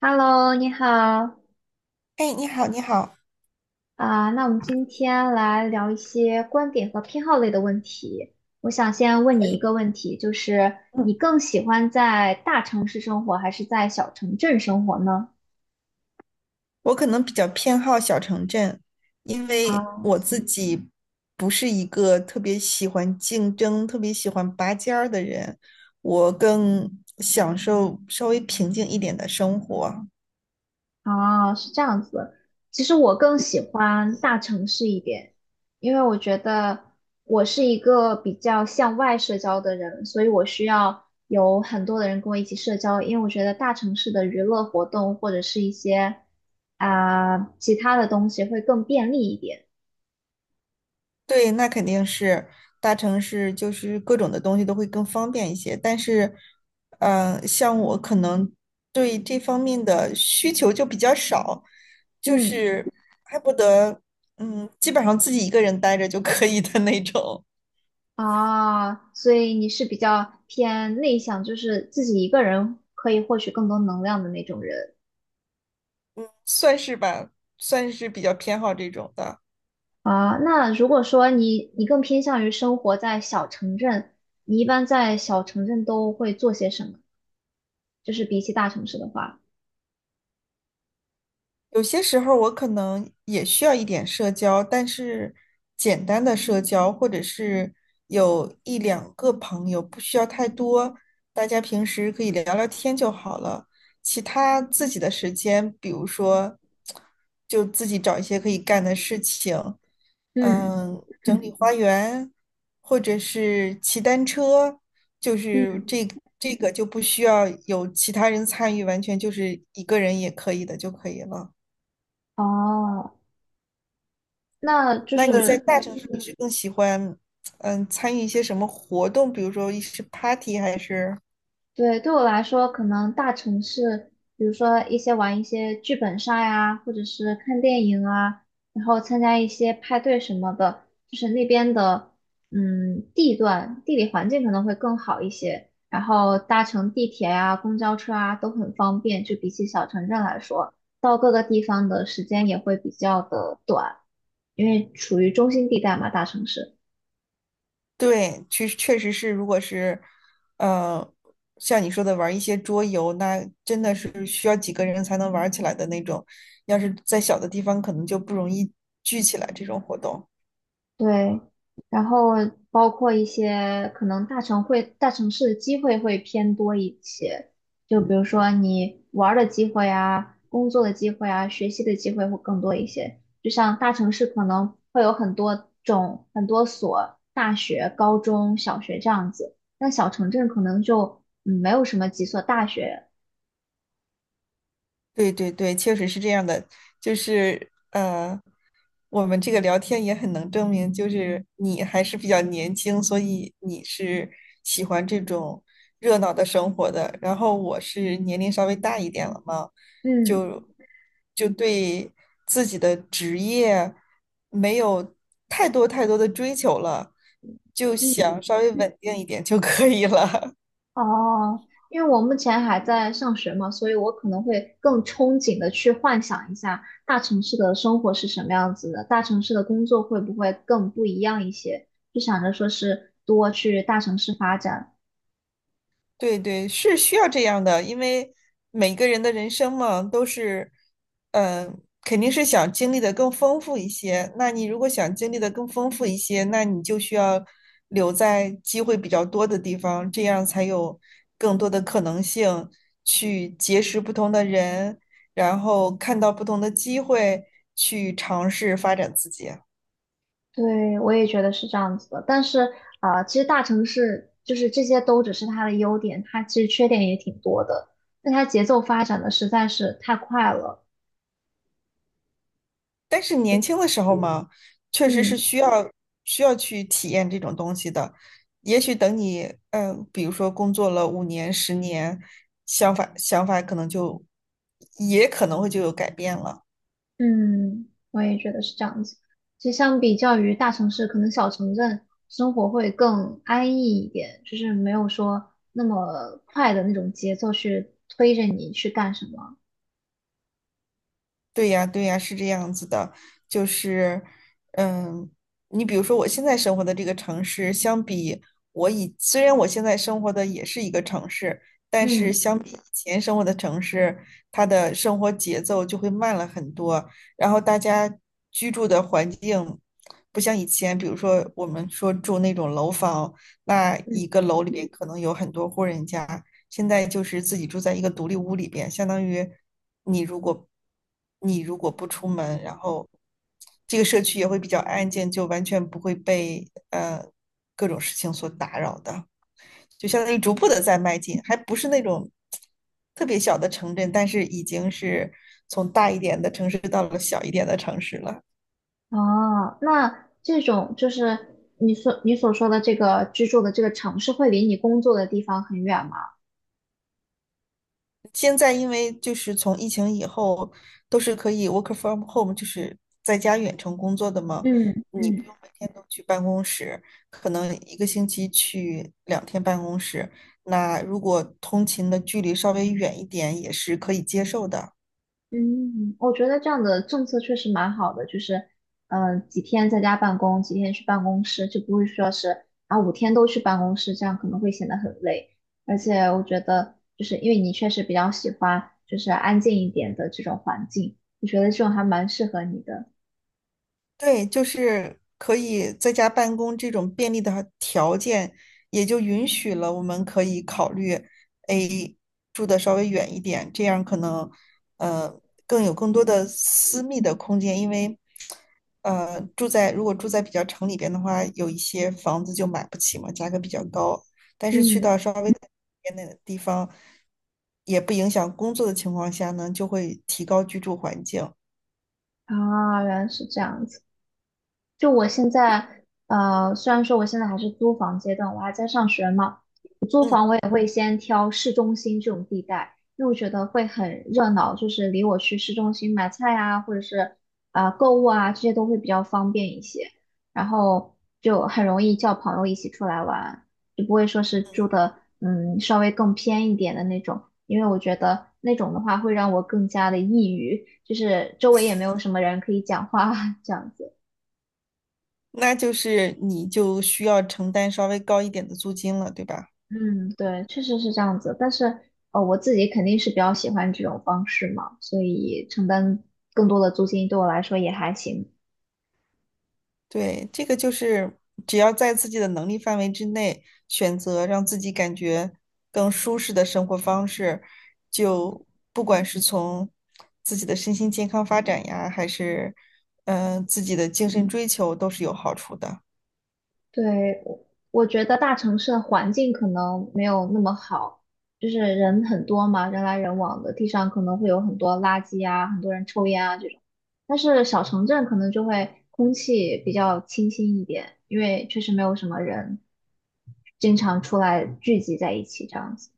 Hello，你好。哎，你好，你好。啊，那我们今天来聊一些观点和偏好类的问题。我想先问可你以。一个问题，就是嗯。你更喜欢在大城市生活还是在小城镇生活呢？我可能比较偏好小城镇，因为啊？我自己不是一个特别喜欢竞争、特别喜欢拔尖儿的人，我更享受稍微平静一点的生活。哦，是这样子。其实我更喜欢大城市一点，因为我觉得我是一个比较向外社交的人，所以我需要有很多的人跟我一起社交。因为我觉得大城市的娱乐活动或者是一些其他的东西会更便利一点。对，那肯定是大城市，就是各种的东西都会更方便一些。但是，像我可能对这方面的需求就比较少，就嗯。是恨不得，基本上自己一个人待着就可以的那种。啊，所以你是比较偏内向，就是自己一个人可以获取更多能量的那种人。算是吧，算是比较偏好这种的。啊，那如果说你更偏向于生活在小城镇，你一般在小城镇都会做些什么？就是比起大城市的话，有些时候我可能也需要一点社交，但是简单的社交，或者是有一两个朋友，不需要太多，大家平时可以聊聊天就好了。其他自己的时间，比如说，就自己找一些可以干的事情，嗯。整理花园，或者是骑单车，就是嗯。这个就不需要有其他人参与，完全就是一个人也可以的就可以了。哦，那就那你在是大城市你是更喜欢，参与一些什么活动？比如说一是 party 还是？对，对我来说，可能大城市，比如说玩一些剧本杀呀，或者是看电影啊，然后参加一些派对什么的，就是那边的，嗯，地段、地理环境可能会更好一些，然后搭乘地铁啊、公交车啊都很方便，就比起小城镇来说，到各个地方的时间也会比较的短，因为处于中心地带嘛，大城市。对，确实确实是，如果是，呃，像你说的玩一些桌游，那真的是需要几个人才能玩起来的那种。要是在小的地方，可能就不容易聚起来这种活动。对，然后包括一些可能大城市的机会会偏多一些，就比如说你玩儿的机会啊、工作的机会啊、学习的机会会更多一些。就像大城市可能会有很多种、很多所大学、高中小学这样子，但小城镇可能就没有什么几所大学。对对对，确实是这样的。就是我们这个聊天也很能证明，就是你还是比较年轻，所以你是喜欢这种热闹的生活的。然后我是年龄稍微大一点了嘛，嗯。就就对自己的职业没有太多太多的追求了，就嗯。想稍微稳定一点就可以了。哦，因为我目前还在上学嘛，所以我可能会更憧憬的去幻想一下大城市的生活是什么样子的，大城市的工作会不会更不一样一些，就想着说是多去大城市发展。对对，是需要这样的，因为每个人的人生嘛，都是，肯定是想经历的更丰富一些。那你如果想经历的更丰富一些，那你就需要留在机会比较多的地方，这样才有更多的可能性去结识不同的人，然后看到不同的机会，去尝试发展自己。对，我也觉得是这样子的，但是啊，其实大城市就是这些都只是它的优点，它其实缺点也挺多的，但它节奏发展的实在是太快了。但是年轻的时候嘛，确实是嗯。需要去体验这种东西的。也许等你，比如说工作了5年、10年，想法可能就也可能会就有改变了。嗯，我也觉得是这样子。其实相比较于大城市，可能小城镇生活会更安逸一点，就是没有说那么快的那种节奏去推着你去干什么。对呀，对呀，是这样子的，就是，嗯，你比如说我现在生活的这个城市，相比我以，虽然我现在生活的也是一个城市，但嗯。是相比以前生活的城市，它的生活节奏就会慢了很多，然后大家居住的环境不像以前，比如说我们说住那种楼房，那嗯，一个楼里面可能有很多户人家，现在就是自己住在一个独立屋里边，相当于你如果你如果不出门，然后这个社区也会比较安静，就完全不会被各种事情所打扰的，就相当于逐步的在迈进，还不是那种特别小的城镇，但是已经是从大一点的城市到了小一点的城市了。哦，那这种就是你所说的这个居住的这个城市，会离你工作的地方很远吗？现在因为就是从疫情以后都是可以 work from home，就是在家远程工作的嘛，嗯。你不嗯。用每天都去办公室，可能一个星期去2天办公室。那如果通勤的距离稍微远一点，也是可以接受的。嗯，我觉得这样的政策确实蛮好的，就是，几天在家办公，几天去办公室，就不会说是啊5天都去办公室，这样可能会显得很累。而且我觉得，就是因为你确实比较喜欢就是安静一点的这种环境，我觉得这种还蛮适合你的。对，就是可以在家办公这种便利的条件，也就允许了我们可以考虑，诶，住的稍微远一点，这样可能，呃，更多的私密的空间，因为，如果住在比较城里边的话，有一些房子就买不起嘛，价格比较高，但是去到嗯，稍微偏的地方，也不影响工作的情况下呢，就会提高居住环境。啊，原来是这样子。就我现在，虽然说我现在还是租房阶段，我还在上学嘛。嗯。也会先挑市中心这种地带，因为我觉得会很热闹，就是离我去市中心买菜啊，或者是购物啊，这些都会比较方便一些，然后就很容易叫朋友一起出来玩，就不会说是住的稍微更偏一点的那种，因为我觉得那种的话会让我更加的抑郁，就是周围也没有什么人可以讲话 这样子。那就是你就需要承担稍微高一点的租金了，对吧？嗯，对，确实是这样子。但是，我自己肯定是比较喜欢这种方式嘛，所以承担更多的租金对我来说也还行。对，这个就是只要在自己的能力范围之内，选择让自己感觉更舒适的生活方式，就不管是从自己的身心健康发展呀，还是自己的精神追求，都是有好处的。对，我觉得大城市的环境可能没有那么好，就是人很多嘛，人来人往的，地上可能会有很多垃圾啊，很多人抽烟啊这种。但是小城镇可能就会空气比较清新一点，因为确实没有什么人经常出来聚集在一起这样子。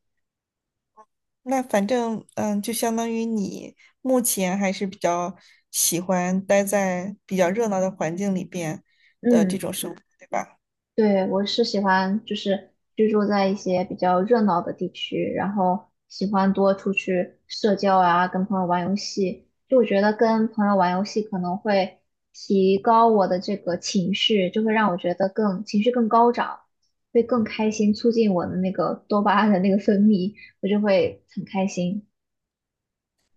那反正就相当于你目前还是比较喜欢待在比较热闹的环境里边的这嗯。种生活，对吧？对，我是喜欢就是居住在一些比较热闹的地区，然后喜欢多出去社交啊，跟朋友玩游戏。就我觉得跟朋友玩游戏可能会提高我的这个情绪，就会让我觉得更情绪更高涨，会更开心，促进我的那个多巴胺的那个分泌，我就会很开心。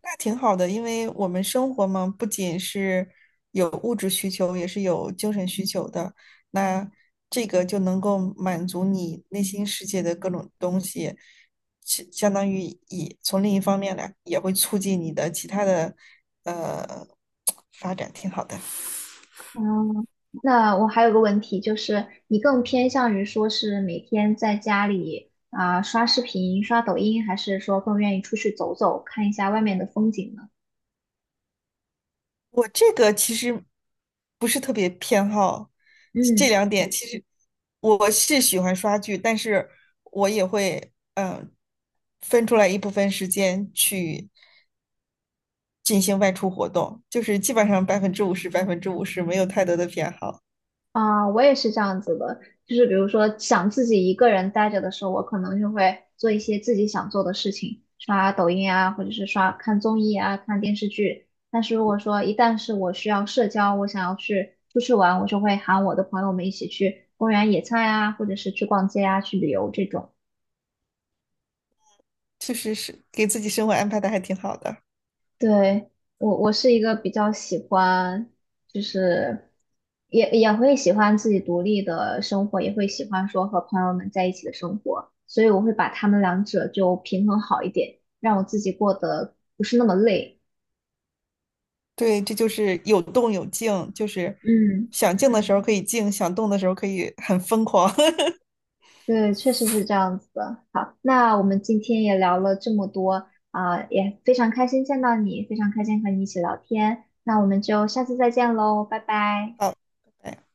那挺好的，因为我们生活嘛，不仅是有物质需求，也是有精神需求的。那这个就能够满足你内心世界的各种东西，是相当于从另一方面来，也会促进你的其他的呃 发展，挺好的。嗯，那我还有个问题，就是你更偏向于说是每天在家里啊、刷视频、刷抖音，还是说更愿意出去走走，看一下外面的风景呢？我这个其实不是特别偏好这嗯。两点，其实我是喜欢刷剧，但是我也会分出来一部分时间去进行外出活动，就是基本上百分之五十百分之五十没有太多的偏好，啊，我也是这样子的，就是比如说想自己一个人待着的时候，我可能就会做一些自己想做的事情，刷抖音啊，或者是刷看综艺啊，看电视剧。但是如果说一旦是我需要社交，我想要去出去玩，我就会喊我的朋友们一起去公园野餐啊，或者是去逛街啊，去旅游这种。确实是给自己生活安排的还挺好的。对，我是一个比较喜欢，就是也会喜欢自己独立的生活，也会喜欢说和朋友们在一起的生活，所以我会把他们两者就平衡好一点，让我自己过得不是那么累。对，这就是有动有静，就是嗯，想静的时候可以静，想动的时候可以很疯狂。对，确实是这样子的。好，那我们今天也聊了这么多啊，也非常开心见到你，非常开心和你一起聊天。那我们就下次再见喽，拜拜。好，拜拜。